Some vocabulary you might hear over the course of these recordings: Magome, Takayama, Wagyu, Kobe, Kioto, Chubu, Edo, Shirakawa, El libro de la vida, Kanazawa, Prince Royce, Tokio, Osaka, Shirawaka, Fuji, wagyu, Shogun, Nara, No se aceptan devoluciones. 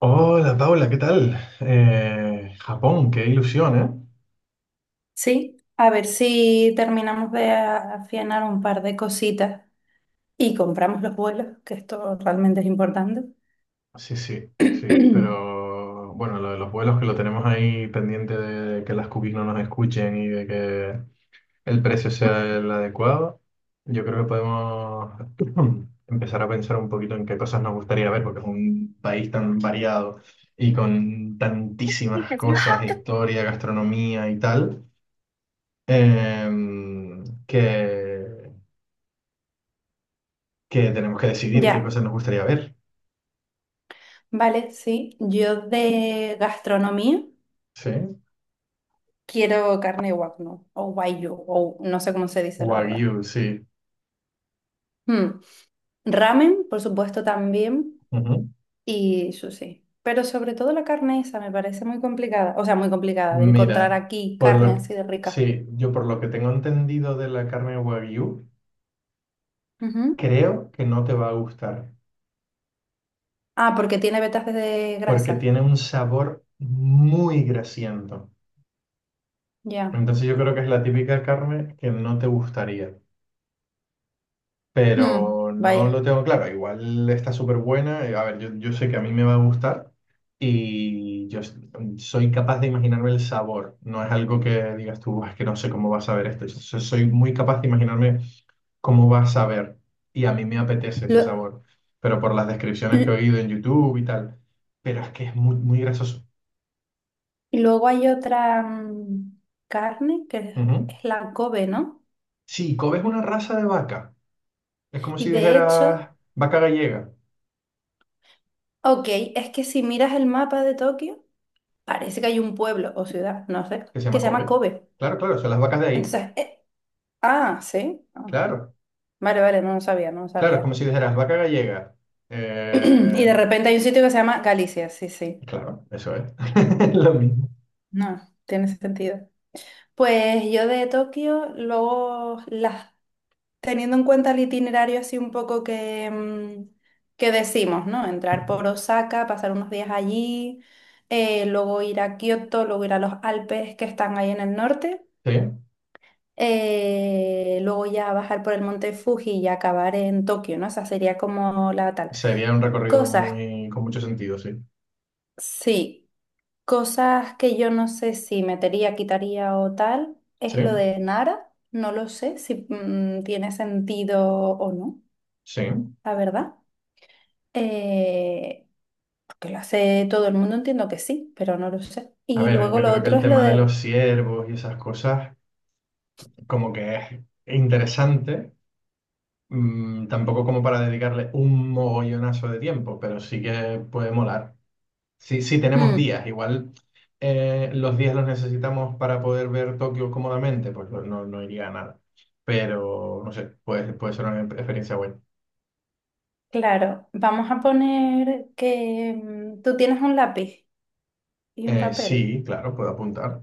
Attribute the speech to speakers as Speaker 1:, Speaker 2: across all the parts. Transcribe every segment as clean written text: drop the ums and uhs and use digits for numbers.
Speaker 1: Hola Paula, ¿qué tal? Japón, qué ilusión, ¿eh?
Speaker 2: Sí, a ver si terminamos de afianar un par de cositas y compramos los vuelos, que esto realmente es importante.
Speaker 1: Sí, sí, sí, pero bueno, lo de los vuelos que lo tenemos ahí pendiente de que las cookies no nos escuchen y de que el precio sea el adecuado, yo creo que podemos empezar a pensar un poquito en qué cosas nos gustaría ver, porque es un país tan variado y con tantísimas cosas, historia, gastronomía y tal, em, que que tenemos que decidir qué
Speaker 2: Ya,
Speaker 1: cosas nos gustaría ver.
Speaker 2: vale, sí. Yo de gastronomía
Speaker 1: Sí.
Speaker 2: quiero carne wagyu o wagyu o no sé cómo se dice la verdad.
Speaker 1: Wagyu, sí.
Speaker 2: Mm, Ramen, por supuesto, también
Speaker 1: Ujú.
Speaker 2: y sushi. Pero sobre todo la carne esa me parece muy complicada, o sea, muy complicada de encontrar
Speaker 1: Mira,
Speaker 2: aquí
Speaker 1: por
Speaker 2: carne
Speaker 1: lo
Speaker 2: así de rica.
Speaker 1: sí, yo por lo que tengo entendido de la carne Wagyu,
Speaker 2: Ujú.
Speaker 1: creo que no te va a gustar,
Speaker 2: Ah, porque tiene vetas de
Speaker 1: porque
Speaker 2: grasa.
Speaker 1: tiene un sabor muy grasiento.
Speaker 2: Ya.
Speaker 1: Entonces yo creo que es la típica carne que no te gustaría.
Speaker 2: Mm,
Speaker 1: Pero no lo
Speaker 2: vaya.
Speaker 1: tengo claro. Igual está súper buena. A ver, yo sé que a mí me va a gustar y soy capaz de imaginarme el sabor. No es algo que digas tú, "Buah, es que no sé cómo va a saber esto. Soy muy capaz de imaginarme cómo va a saber y a mí me apetece ese
Speaker 2: Lo-
Speaker 1: sabor, pero por las descripciones que he
Speaker 2: l-
Speaker 1: oído en YouTube y tal. Pero es que es muy, muy grasoso.
Speaker 2: y luego hay otra carne que es
Speaker 1: Ujú.
Speaker 2: es la Kobe, ¿no?
Speaker 1: Sí, Kobe es una raza de vaca. Es como
Speaker 2: Y
Speaker 1: si
Speaker 2: de
Speaker 1: dijeras
Speaker 2: hecho,
Speaker 1: vaca gallega,
Speaker 2: ok, es que si miras el mapa de Tokio, parece que hay un pueblo o ciudad, no sé,
Speaker 1: que se
Speaker 2: que
Speaker 1: llama
Speaker 2: se llama
Speaker 1: Kobe.
Speaker 2: Kobe.
Speaker 1: Claro, claro, son las vacas de ahí.
Speaker 2: Entonces, ah, sí. Ah,
Speaker 1: Claro.
Speaker 2: vale, vale, no lo sabía, no lo
Speaker 1: Claro, es
Speaker 2: sabía.
Speaker 1: como si dijeras vaca gallega.
Speaker 2: Y
Speaker 1: Eh,
Speaker 2: de repente hay un sitio que se llama Galicia, sí, sí.
Speaker 1: claro, eso es. Lo mismo.
Speaker 2: No, tiene sentido. Pues yo de Tokio, luego las. Teniendo en cuenta el itinerario así un poco que, que decimos, ¿no? Entrar por Osaka, pasar unos días allí, luego ir a Kioto, luego ir a los Alpes que están ahí en el norte,
Speaker 1: Sí,
Speaker 2: luego ya bajar por el monte Fuji y acabar en Tokio, ¿no? Esa sería como la tal.
Speaker 1: sería un recorrido
Speaker 2: Cosas,
Speaker 1: con mucho sentido, sí.
Speaker 2: sí, cosas que yo no sé si metería, quitaría o tal,
Speaker 1: Sí,
Speaker 2: es lo de Nara, no lo sé si tiene sentido o no,
Speaker 1: sí.
Speaker 2: la verdad. Eh, porque lo hace todo el mundo, entiendo que sí, pero no lo sé.
Speaker 1: A
Speaker 2: Y
Speaker 1: ver,
Speaker 2: luego
Speaker 1: yo
Speaker 2: lo
Speaker 1: creo que
Speaker 2: otro
Speaker 1: el
Speaker 2: es lo
Speaker 1: tema de
Speaker 2: de,
Speaker 1: los ciervos y esas cosas, como que es interesante, tampoco como para dedicarle un mogollonazo de tiempo, pero sí que puede molar. Sí, sí, tenemos
Speaker 2: mm,
Speaker 1: días. Igual los días los necesitamos para poder ver Tokio cómodamente, pues no, no no iría a nada. Pero no sé, puede ser una experiencia buena.
Speaker 2: claro, vamos a poner que tú tienes un lápiz y un papel.
Speaker 1: Sí, claro, puedo apuntar.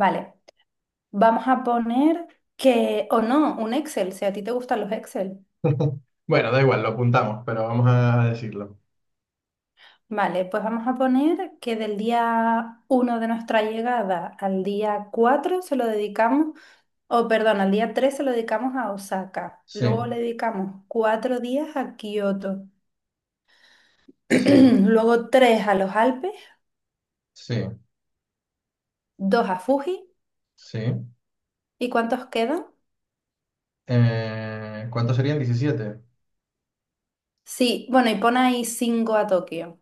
Speaker 2: Vale, vamos a poner que, o no, un Excel, si a ti te gustan los Excel.
Speaker 1: Bueno, da igual, lo apuntamos, pero vamos a decirlo.
Speaker 2: Vale, pues vamos a poner que del día uno de nuestra llegada al día 4 se lo dedicamos o perdón, al día 3 se lo dedicamos a Osaka.
Speaker 1: Sí,
Speaker 2: Luego le dedicamos cuatro días a Kioto.
Speaker 1: sí,
Speaker 2: Luego tres a los Alpes,
Speaker 1: sí,
Speaker 2: dos a Fuji.
Speaker 1: sí.
Speaker 2: ¿Y cuántos quedan?
Speaker 1: ¿Cuántos serían? 17.
Speaker 2: Sí, bueno, y pon ahí cinco a Tokio.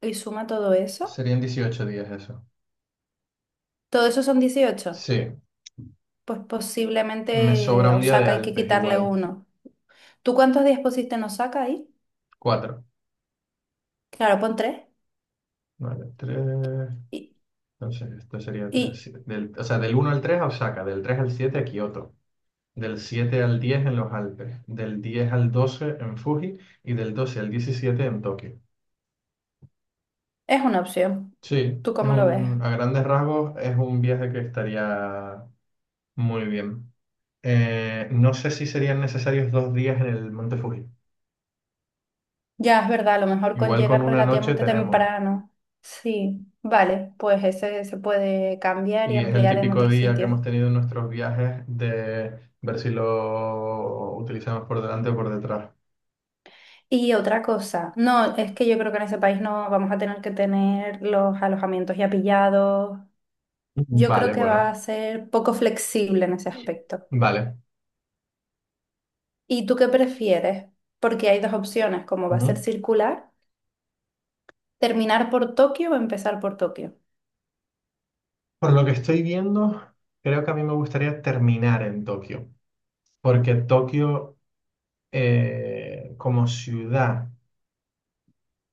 Speaker 2: Y suma todo eso.
Speaker 1: Serían 18 días eso.
Speaker 2: ¿Todo eso son dieciocho?
Speaker 1: Sí,
Speaker 2: Pues
Speaker 1: me
Speaker 2: posiblemente
Speaker 1: sobra
Speaker 2: a
Speaker 1: un día de
Speaker 2: Osaka hay que
Speaker 1: Alpes
Speaker 2: quitarle
Speaker 1: igual.
Speaker 2: uno. ¿Tú cuántos días pusiste en Osaka ahí?
Speaker 1: Cuatro.
Speaker 2: Claro, pon tres.
Speaker 1: Vale, tres.
Speaker 2: Y,
Speaker 1: Entonces, esto sería
Speaker 2: y
Speaker 1: 3 del, o sea, del uno al 3 a Osaka, del 3 al 7 a Kioto, del 7 al 10 en los Alpes, del 10 al 12 en Fuji y del 12 al 17 en Tokio.
Speaker 2: es una opción.
Speaker 1: Sí,
Speaker 2: ¿Tú cómo lo ves?
Speaker 1: a grandes rasgos es un viaje que estaría muy bien. No sé si serían necesarios 2 días en el Monte Fuji.
Speaker 2: Ya, es verdad, a lo mejor con
Speaker 1: Igual con
Speaker 2: llegar
Speaker 1: una noche
Speaker 2: relativamente
Speaker 1: tenemos.
Speaker 2: temprano. Sí, vale, pues ese se puede cambiar y
Speaker 1: Y es el
Speaker 2: ampliar en
Speaker 1: típico
Speaker 2: otro
Speaker 1: día que hemos
Speaker 2: sitio.
Speaker 1: tenido en nuestros viajes de ver si lo utilizamos por delante o por detrás.
Speaker 2: Y otra cosa, no, es que yo creo que en ese país no vamos a tener que tener los alojamientos ya pillados. Yo creo
Speaker 1: Vale,
Speaker 2: que va
Speaker 1: bueno.
Speaker 2: a ser poco flexible en ese aspecto.
Speaker 1: Vale.
Speaker 2: ¿Y tú qué prefieres? Porque hay dos opciones, como va a ser
Speaker 1: Ujú.
Speaker 2: circular, terminar por Tokio o empezar por Tokio.
Speaker 1: Por lo que estoy viendo, creo que a mí me gustaría terminar en Tokio, porque Tokio como ciudad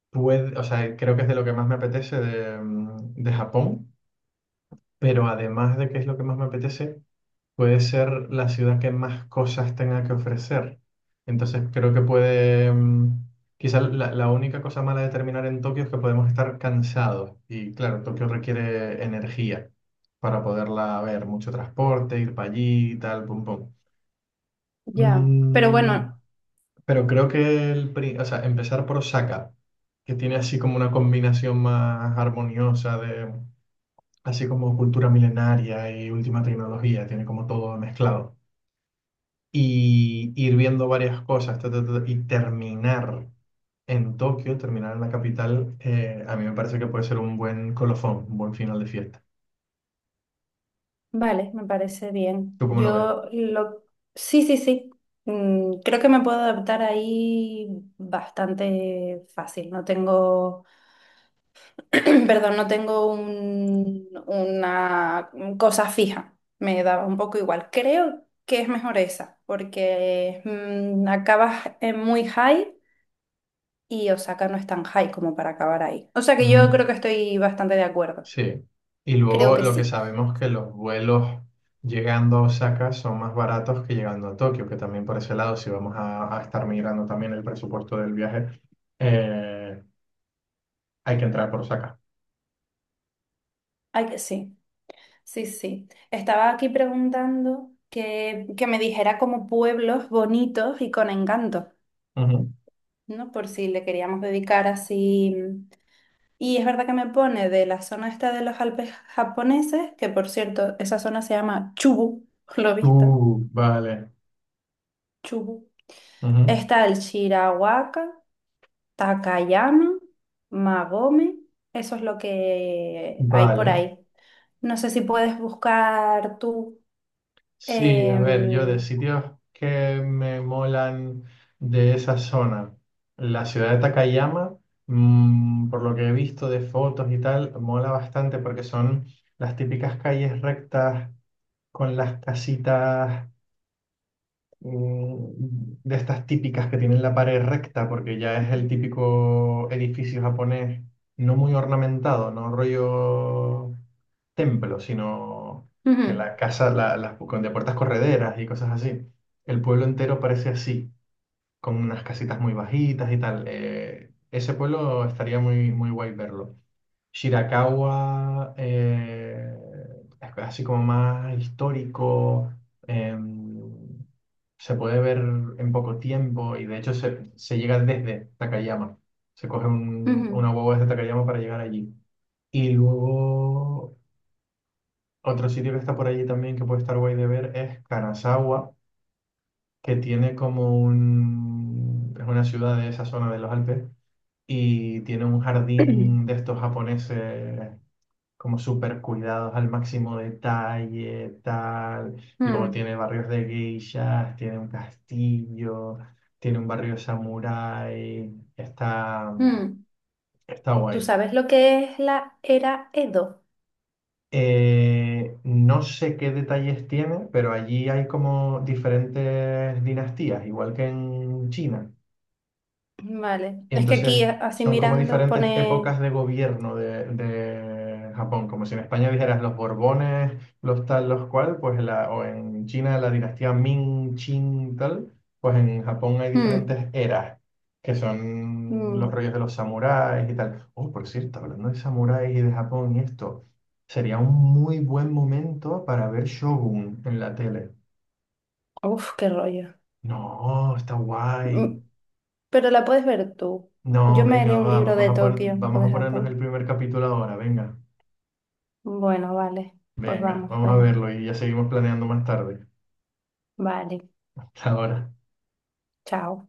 Speaker 1: puede, o sea, creo que es de lo que más me apetece de Japón, pero además de que es lo que más me apetece, puede ser la ciudad que más cosas tenga que ofrecer. Entonces creo que quizá la única cosa mala de terminar en Tokio es que podemos estar cansados. Y claro, Tokio requiere energía para poderla ver, mucho transporte, ir para allí, y tal, pum, pum.
Speaker 2: Ya, pero
Speaker 1: Mm,
Speaker 2: bueno,
Speaker 1: pero creo que o sea, empezar por Osaka, que tiene así como una combinación más armoniosa de, así como cultura milenaria y última tecnología, tiene como todo mezclado. Y ir viendo varias cosas ta, ta, ta, y terminar en Tokio, terminar en la capital, a mí me parece que puede ser un buen colofón, un buen final de fiesta.
Speaker 2: vale, me parece bien.
Speaker 1: ¿Tú cómo lo ves?
Speaker 2: Yo lo... Sí, sí, sí. Creo que me puedo adaptar ahí bastante fácil. No tengo... Perdón, no tengo una cosa fija. Me daba un poco igual. Creo que es mejor esa, porque acabas en muy high y Osaka no es tan high como para acabar ahí. O sea que yo
Speaker 1: Ujú.
Speaker 2: creo que estoy bastante de acuerdo.
Speaker 1: Sí. Y
Speaker 2: Creo
Speaker 1: luego
Speaker 2: que
Speaker 1: lo que
Speaker 2: sí.
Speaker 1: sabemos que los vuelos llegando a Osaka son más baratos que llegando a Tokio, que también por ese lado, si vamos a estar migrando también el presupuesto del viaje, eh, hay que entrar por Osaka.
Speaker 2: Ay, que sí. Sí, sí. Estaba aquí preguntando que me dijera como pueblos bonitos y con encanto,
Speaker 1: Ujú.
Speaker 2: ¿no? Por si le queríamos dedicar así. Y es verdad que me pone de la zona esta de los Alpes japoneses, que por cierto, esa zona se llama Chubu, lo he visto,
Speaker 1: Vale.
Speaker 2: Chubu.
Speaker 1: Ujú.
Speaker 2: Está el Shirawaka, Takayama, Magome, eso es lo que hay por
Speaker 1: Vale.
Speaker 2: ahí. No sé si puedes buscar tú.
Speaker 1: Sí, a ver, yo de
Speaker 2: em,
Speaker 1: sitios que me molan de esa zona, la ciudad de Takayama, por lo que he visto de fotos y tal, mola bastante porque son las típicas calles rectas con las casitas de estas típicas que tienen la pared recta, porque ya es el típico edificio japonés, no muy ornamentado, no rollo templo, sino que
Speaker 2: Ujú.
Speaker 1: la casa, la- las con de puertas correderas y cosas así. El pueblo entero parece así, con unas casitas muy bajitas y tal. Ese pueblo estaría muy, muy guay verlo. Shirakawa, así como más histórico, em, se puede ver en poco tiempo y de hecho se llega desde Takayama. Se coge
Speaker 2: ujú,
Speaker 1: una guagua desde Takayama para llegar allí. Y luego otro sitio que está por allí también que puede estar guay de ver es Kanazawa, que tiene como un... es una ciudad de esa zona de los Alpes y tiene un jardín de estos japoneses como súper cuidados al máximo detalle, tal. Luego
Speaker 2: mm,
Speaker 1: tiene barrios de geishas, tiene un castillo, tiene un barrio samurái. Está,
Speaker 2: mm.
Speaker 1: está
Speaker 2: ¿Tú
Speaker 1: guay.
Speaker 2: sabes lo que es la era Edo?
Speaker 1: No sé qué detalles tiene, pero allí hay como diferentes dinastías, igual que en China.
Speaker 2: Vale,
Speaker 1: Y
Speaker 2: es que aquí
Speaker 1: entonces
Speaker 2: así
Speaker 1: son como
Speaker 2: mirando
Speaker 1: diferentes
Speaker 2: pone...
Speaker 1: épocas de gobierno de Japón, como si en España dijeras los Borbones, los tal, los cual, pues la, o en China la dinastía Ming, Qing, tal, pues en Japón hay
Speaker 2: Mm.
Speaker 1: diferentes eras, que son los
Speaker 2: Mm.
Speaker 1: rollos de los samuráis y tal. Oh, por cierto, hablando de samuráis y de Japón y esto, sería un muy buen momento para ver Shogun en la tele.
Speaker 2: Uf, qué rollo.
Speaker 1: No, está guay.
Speaker 2: Mm. Pero la puedes ver tú.
Speaker 1: No,
Speaker 2: Yo me
Speaker 1: venga,
Speaker 2: leo un
Speaker 1: va,
Speaker 2: libro
Speaker 1: vamos
Speaker 2: de
Speaker 1: a
Speaker 2: Tokio o
Speaker 1: vamos a
Speaker 2: de
Speaker 1: ponernos el
Speaker 2: Japón.
Speaker 1: primer capítulo ahora, venga,
Speaker 2: Bueno, vale. Pues
Speaker 1: venga,
Speaker 2: vamos,
Speaker 1: vamos a
Speaker 2: venga.
Speaker 1: verlo y ya seguimos planeando más tarde.
Speaker 2: Vale.
Speaker 1: Hasta ahora.
Speaker 2: Chao.